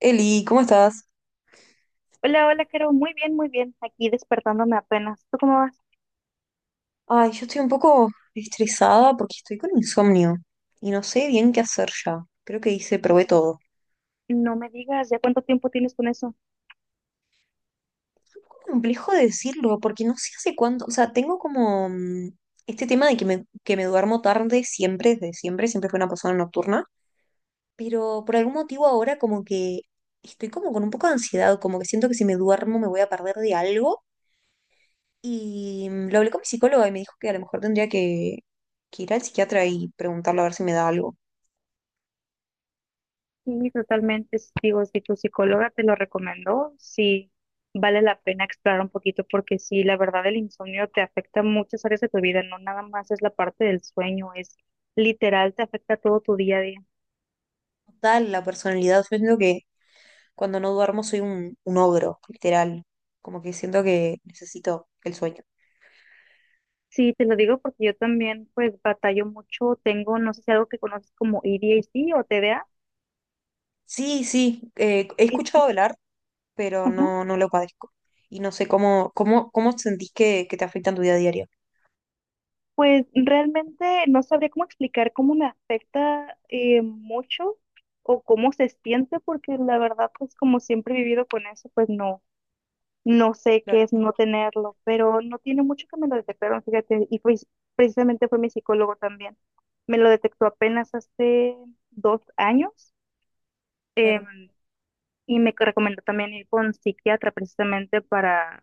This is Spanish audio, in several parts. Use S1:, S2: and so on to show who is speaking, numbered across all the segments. S1: Eli, ¿cómo estás?
S2: Hola, hola, Caro. Muy bien, muy bien. Aquí despertándome apenas. ¿Tú cómo vas?
S1: Ay, yo estoy un poco estresada porque estoy con insomnio y no sé bien qué hacer ya. Creo que hice, probé todo.
S2: No me digas, ¿ya cuánto tiempo tienes con eso?
S1: Es un poco complejo de decirlo porque no sé hace cuánto, o sea, tengo como este tema de que me duermo tarde siempre, desde siempre, siempre fui una persona nocturna, pero por algún motivo ahora como que estoy como con un poco de ansiedad, como que siento que si me duermo me voy a perder de algo y lo hablé con mi psicóloga y me dijo que a lo mejor que ir al psiquiatra y preguntarle a ver si me da algo.
S2: Sí, totalmente. Digo, si tu psicóloga te lo recomendó, sí, vale la pena explorar un poquito porque sí, la verdad el insomnio te afecta muchas áreas de tu vida, no nada más es la parte del sueño, es literal, te afecta todo tu día a día.
S1: Total la personalidad. Yo siento que cuando no duermo soy un ogro, literal. Como que siento que necesito el sueño.
S2: Sí, te lo digo porque yo también pues batallo mucho, tengo, no sé si algo que conoces como A D A ADHD o T D
S1: Sí, sí, he escuchado hablar, pero
S2: TDA.
S1: no, no lo padezco. Y no sé cómo sentís que te afecta en tu día a día.
S2: Pues realmente no sabría cómo explicar cómo me afecta mucho o cómo se siente, porque la verdad, pues como siempre he vivido con eso, pues no, no sé qué
S1: Claro,
S2: es no tenerlo, pero no tiene mucho que me lo detectaron, fíjate, y pues precisamente fue mi psicólogo también. Me lo detectó apenas hace 2 años.
S1: claro.
S2: em, y me recomendó también ir con psiquiatra precisamente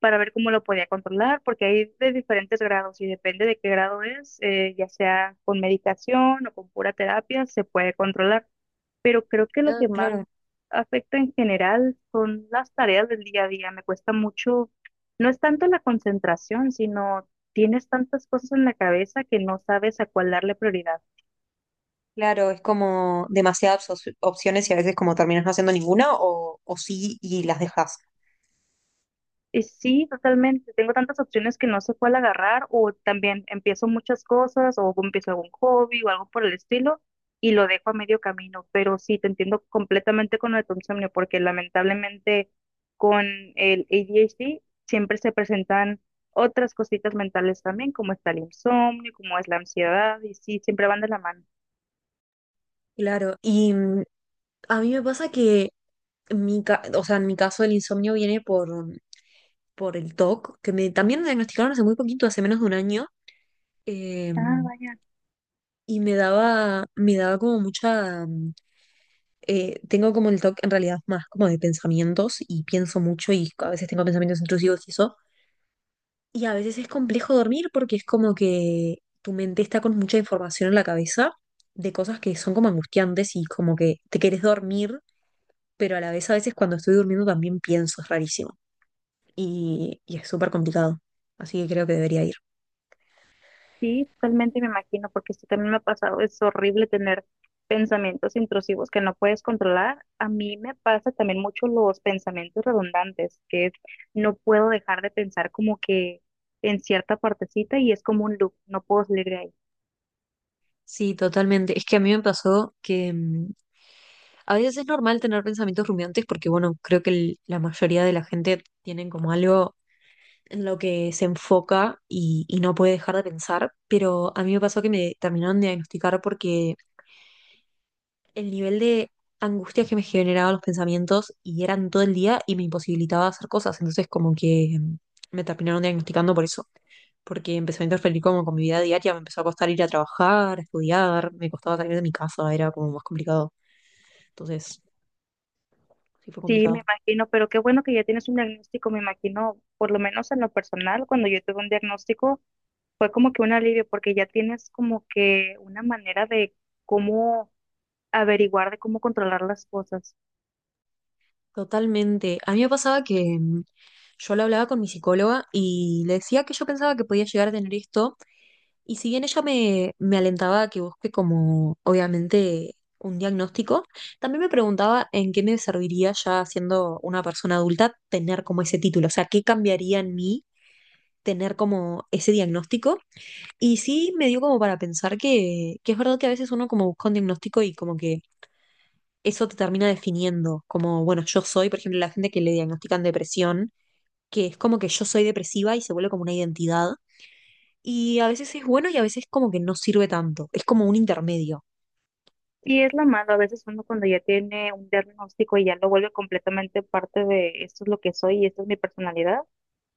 S2: para ver cómo lo podía controlar, porque hay de diferentes grados y depende de qué grado es, ya sea con medicación o con pura terapia, se puede controlar. Pero creo que lo
S1: Ah,
S2: que más
S1: claro.
S2: afecta en general son las tareas del día a día. Me cuesta mucho, no es tanto la concentración, sino tienes tantas cosas en la cabeza que no sabes a cuál darle prioridad.
S1: Claro, es como demasiadas opciones y a veces como terminas no haciendo ninguna o sí y las dejas.
S2: Sí, totalmente. Tengo tantas opciones que no sé cuál agarrar o también empiezo muchas cosas o empiezo algún hobby o algo por el estilo y lo dejo a medio camino. Pero sí, te entiendo completamente con lo de tu insomnio porque lamentablemente con el ADHD siempre se presentan otras cositas mentales también, como está el insomnio, como es la ansiedad y sí, siempre van de la mano.
S1: Claro, y a mí me pasa que o sea, en mi caso el insomnio viene por el TOC, también me diagnosticaron hace muy poquito, hace menos de un año, eh,
S2: Ah, vaya.
S1: y me daba como mucha... tengo como el TOC en realidad más como de pensamientos y pienso mucho y a veces tengo pensamientos intrusivos y eso. Y a veces es complejo dormir porque es como que tu mente está con mucha información en la cabeza de cosas que son como angustiantes y como que te querés dormir, pero a la vez a veces cuando estoy durmiendo también pienso, es rarísimo. Y es súper complicado. Así que creo que debería ir.
S2: Sí, totalmente me imagino, porque esto también me ha pasado. Es horrible tener pensamientos intrusivos que no puedes controlar. A mí me pasa también mucho los pensamientos redundantes, que es, no puedo dejar de pensar como que en cierta partecita y es como un loop, no puedo salir de ahí.
S1: Sí, totalmente. Es que a mí me pasó que a veces es normal tener pensamientos rumiantes porque, bueno, creo que la mayoría de la gente tienen como algo en lo que se enfoca y no puede dejar de pensar, pero a mí me pasó que me terminaron de diagnosticar porque el nivel de angustia que me generaban los pensamientos y eran todo el día y me imposibilitaba hacer cosas. Entonces, como que me terminaron diagnosticando por eso, porque empezó a interferir como con mi vida diaria, me empezó a costar ir a trabajar, a estudiar, me costaba salir de mi casa, era como más complicado. Entonces, sí fue
S2: Sí, me
S1: complicado.
S2: imagino, pero qué bueno que ya tienes un diagnóstico, me imagino, por lo menos en lo personal, cuando yo tuve un diagnóstico fue como que un alivio, porque ya tienes como que una manera de cómo averiguar, de cómo controlar las cosas.
S1: Totalmente. A mí me pasaba que yo lo hablaba con mi psicóloga y le decía que yo pensaba que podía llegar a tener esto. Y si bien ella me alentaba a que busque como, obviamente, un diagnóstico, también me preguntaba en qué me serviría ya siendo una persona adulta tener como ese título, o sea, qué cambiaría en mí tener como ese diagnóstico. Y sí me dio como para pensar que es verdad que a veces uno como busca un diagnóstico y como que eso te termina definiendo, como, bueno, yo soy, por ejemplo, la gente que le diagnostican depresión, que es como que yo soy depresiva y se vuelve como una identidad y a veces es bueno y a veces como que no sirve tanto. Es como un intermedio.
S2: Sí, es lo malo. A veces uno cuando ya tiene un diagnóstico y ya lo vuelve completamente parte de esto es lo que soy y esta es mi personalidad,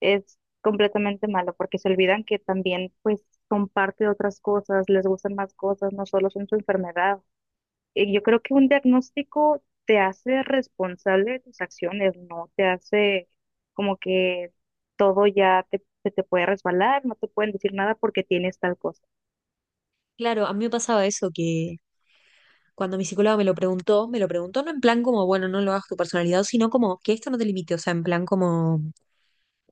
S2: es completamente malo porque se olvidan que también pues son parte de otras cosas, les gustan más cosas, no solo son su enfermedad. Y yo creo que un diagnóstico te hace responsable de tus acciones, no te hace como que todo ya te, se te puede resbalar, no te pueden decir nada porque tienes tal cosa.
S1: Claro, a mí me pasaba eso que cuando mi psicóloga me lo preguntó no en plan como, bueno, no lo hagas tu personalidad, sino como que esto no te limite. O sea, en plan como,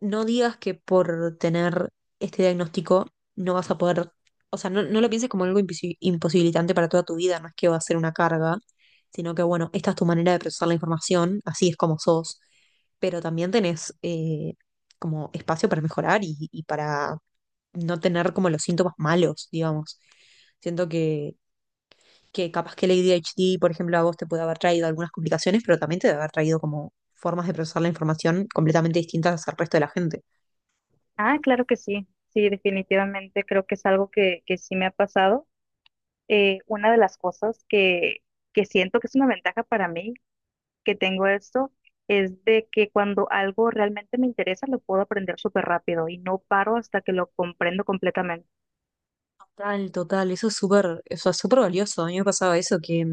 S1: no digas que por tener este diagnóstico no vas a poder, o sea, no lo pienses como algo imposibilitante para toda tu vida, no es que va a ser una carga, sino que, bueno, esta es tu manera de procesar la información, así es como sos, pero también tenés... como espacio para mejorar y para no tener como los síntomas malos, digamos. Siento que capaz que el ADHD, por ejemplo, a vos te puede haber traído algunas complicaciones, pero también te debe haber traído como formas de procesar la información completamente distintas al resto de la gente.
S2: Ah, claro que sí, sí, definitivamente creo que es algo que sí me ha pasado. Una de las cosas que siento que es una ventaja para mí que tengo esto es de que cuando algo realmente me interesa lo puedo aprender súper rápido y no paro hasta que lo comprendo completamente.
S1: Total, total, eso es súper valioso. A mí me pasaba eso, que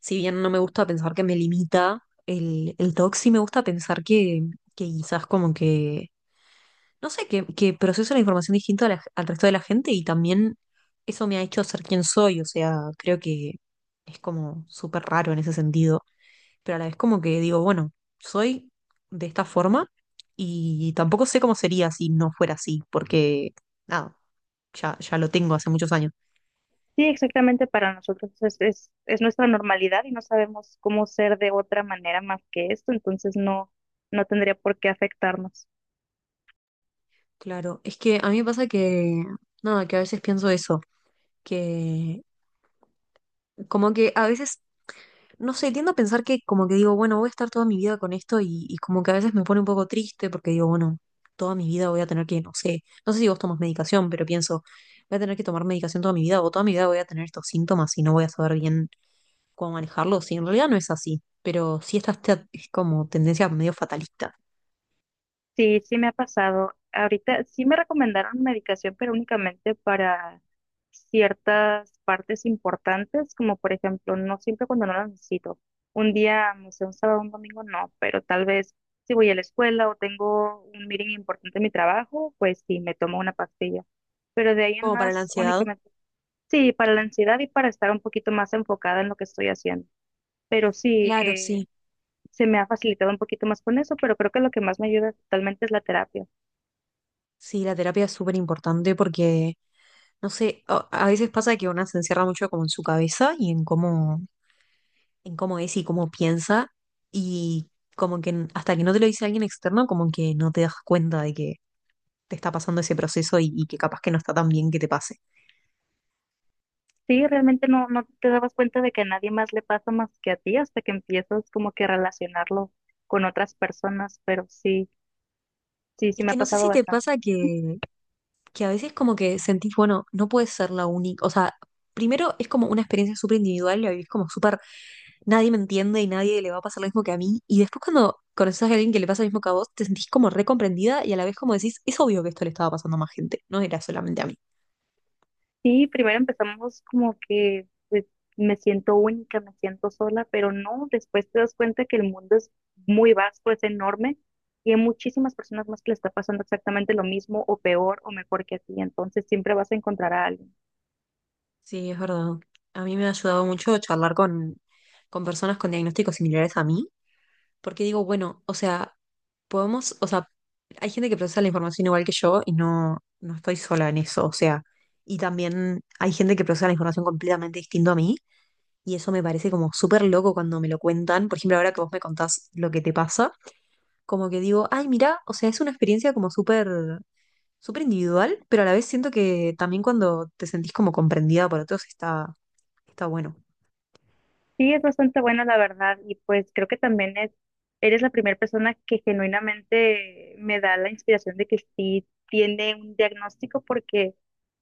S1: si bien no me gusta pensar que me limita el TOC, sí me gusta pensar que quizás como que no sé, que proceso la información distinto a al resto de la gente y también eso me ha hecho ser quien soy, o sea, creo que es como súper raro en ese sentido, pero a la vez como que digo, bueno, soy de esta forma y tampoco sé cómo sería si no fuera así, porque nada, ya lo tengo hace muchos años.
S2: Sí, exactamente para nosotros es nuestra normalidad y no sabemos cómo ser de otra manera más que esto, entonces no, no tendría por qué afectarnos.
S1: Claro, es que a mí me pasa que, nada, que a veces pienso eso, que como que a veces no sé, tiendo a pensar que como que digo, bueno, voy a estar toda mi vida con esto y como que a veces me pone un poco triste porque digo, bueno, toda mi vida voy a tener que, no sé, no sé si vos tomas medicación, pero pienso, voy a tener que tomar medicación toda mi vida o toda mi vida voy a tener estos síntomas y no voy a saber bien cómo manejarlos. Y en realidad no es así, pero sí esta es como tendencia medio fatalista,
S2: Sí, sí me ha pasado. Ahorita sí me recomendaron medicación, pero únicamente para ciertas partes importantes, como por ejemplo, no siempre cuando no la necesito. Un día, no sé, un sábado, un domingo, no, pero tal vez si voy a la escuela o tengo un meeting importante en mi trabajo, pues sí, me tomo una pastilla. Pero de ahí en
S1: como para la
S2: más,
S1: ansiedad.
S2: únicamente, sí, para la ansiedad y para estar un poquito más enfocada en lo que estoy haciendo. Pero sí,
S1: Claro, sí,
S2: se me ha facilitado un poquito más con eso, pero creo que lo que más me ayuda totalmente es la terapia.
S1: sí, la terapia es súper importante porque, no sé, a veces pasa que una se encierra mucho como en su cabeza y en cómo es y cómo piensa y como que hasta que no te lo dice alguien externo, como que no te das cuenta de que te está pasando ese proceso y que capaz que no está tan bien que te pase.
S2: Sí, realmente no, no te dabas cuenta de que a nadie más le pasa más que a ti hasta que empiezas como que a relacionarlo con otras personas, pero sí, sí, sí
S1: Es
S2: me ha
S1: que no sé
S2: pasado
S1: si te
S2: bastante.
S1: pasa que a veces como que sentís, bueno, no puedes ser la única, o sea, primero es como una experiencia súper individual, la vivís como súper, nadie me entiende y nadie le va a pasar lo mismo que a mí, y después cuando conoces a alguien que le pasa lo mismo que a vos, te sentís como recomprendida y a la vez como decís, es obvio que esto le estaba pasando a más gente, no era solamente a mí.
S2: Sí, primero empezamos como que pues, me siento única, me siento sola, pero no, después te das cuenta que el mundo es muy vasto, es enorme y hay muchísimas personas más que le está pasando exactamente lo mismo o peor o mejor que a ti, entonces siempre vas a encontrar a alguien.
S1: Sí, es verdad. A mí me ha ayudado mucho charlar con personas con diagnósticos similares a mí, porque digo, bueno, o sea, podemos, o sea, hay gente que procesa la información igual que yo y no estoy sola en eso, o sea, y también hay gente que procesa la información completamente distinto a mí, y eso me parece como súper loco cuando me lo cuentan. Por ejemplo, ahora que vos me contás lo que te pasa, como que digo, ay, mira, o sea, es una experiencia como súper, súper individual, pero a la vez siento que también cuando te sentís como comprendida por otros está. Está bueno.
S2: Sí, es bastante bueno, la verdad, y pues creo que también es, eres la primera persona que genuinamente me da la inspiración de que sí tiene un diagnóstico, porque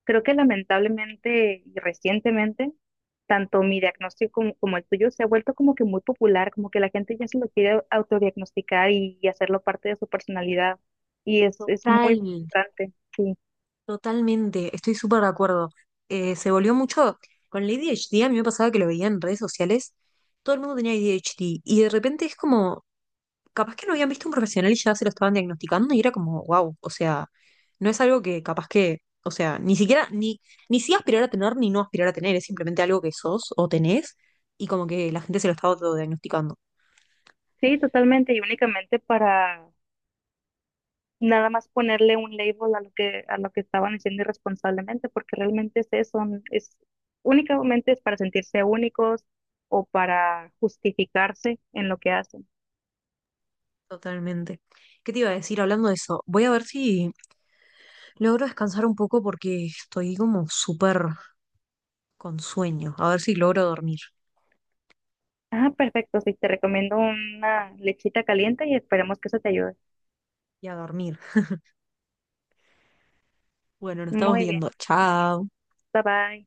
S2: creo que lamentablemente y recientemente, tanto mi diagnóstico como el tuyo se ha vuelto como que muy popular, como que la gente ya se lo quiere autodiagnosticar y hacerlo parte de su personalidad, y es
S1: Total,
S2: muy frustrante, sí.
S1: totalmente, estoy súper de acuerdo. Se volvió mucho con el ADHD, a mí me pasaba que lo veía en redes sociales, todo el mundo tenía A D h ADHD y de repente es como, capaz que no habían visto un profesional y ya se lo estaban diagnosticando y era como, wow, o sea, no es algo que capaz que, o sea, ni siquiera, ni sí aspirar a tener ni no aspirar a tener, es simplemente algo que sos o tenés y como que la gente se lo está autodiagnosticando.
S2: Sí, totalmente, y únicamente para nada más ponerle un label a lo que estaban haciendo irresponsablemente, porque realmente es eso, es únicamente es para sentirse únicos o para justificarse en lo que hacen.
S1: Totalmente. ¿Qué te iba a decir hablando de eso? Voy a ver si logro descansar un poco porque estoy como súper con sueño. A ver si logro dormir.
S2: Ah, perfecto, sí, te recomiendo una lechita caliente y esperemos que eso te ayude.
S1: Y a dormir. Bueno, nos estamos
S2: Muy bien,
S1: viendo. Chao.
S2: bye bye.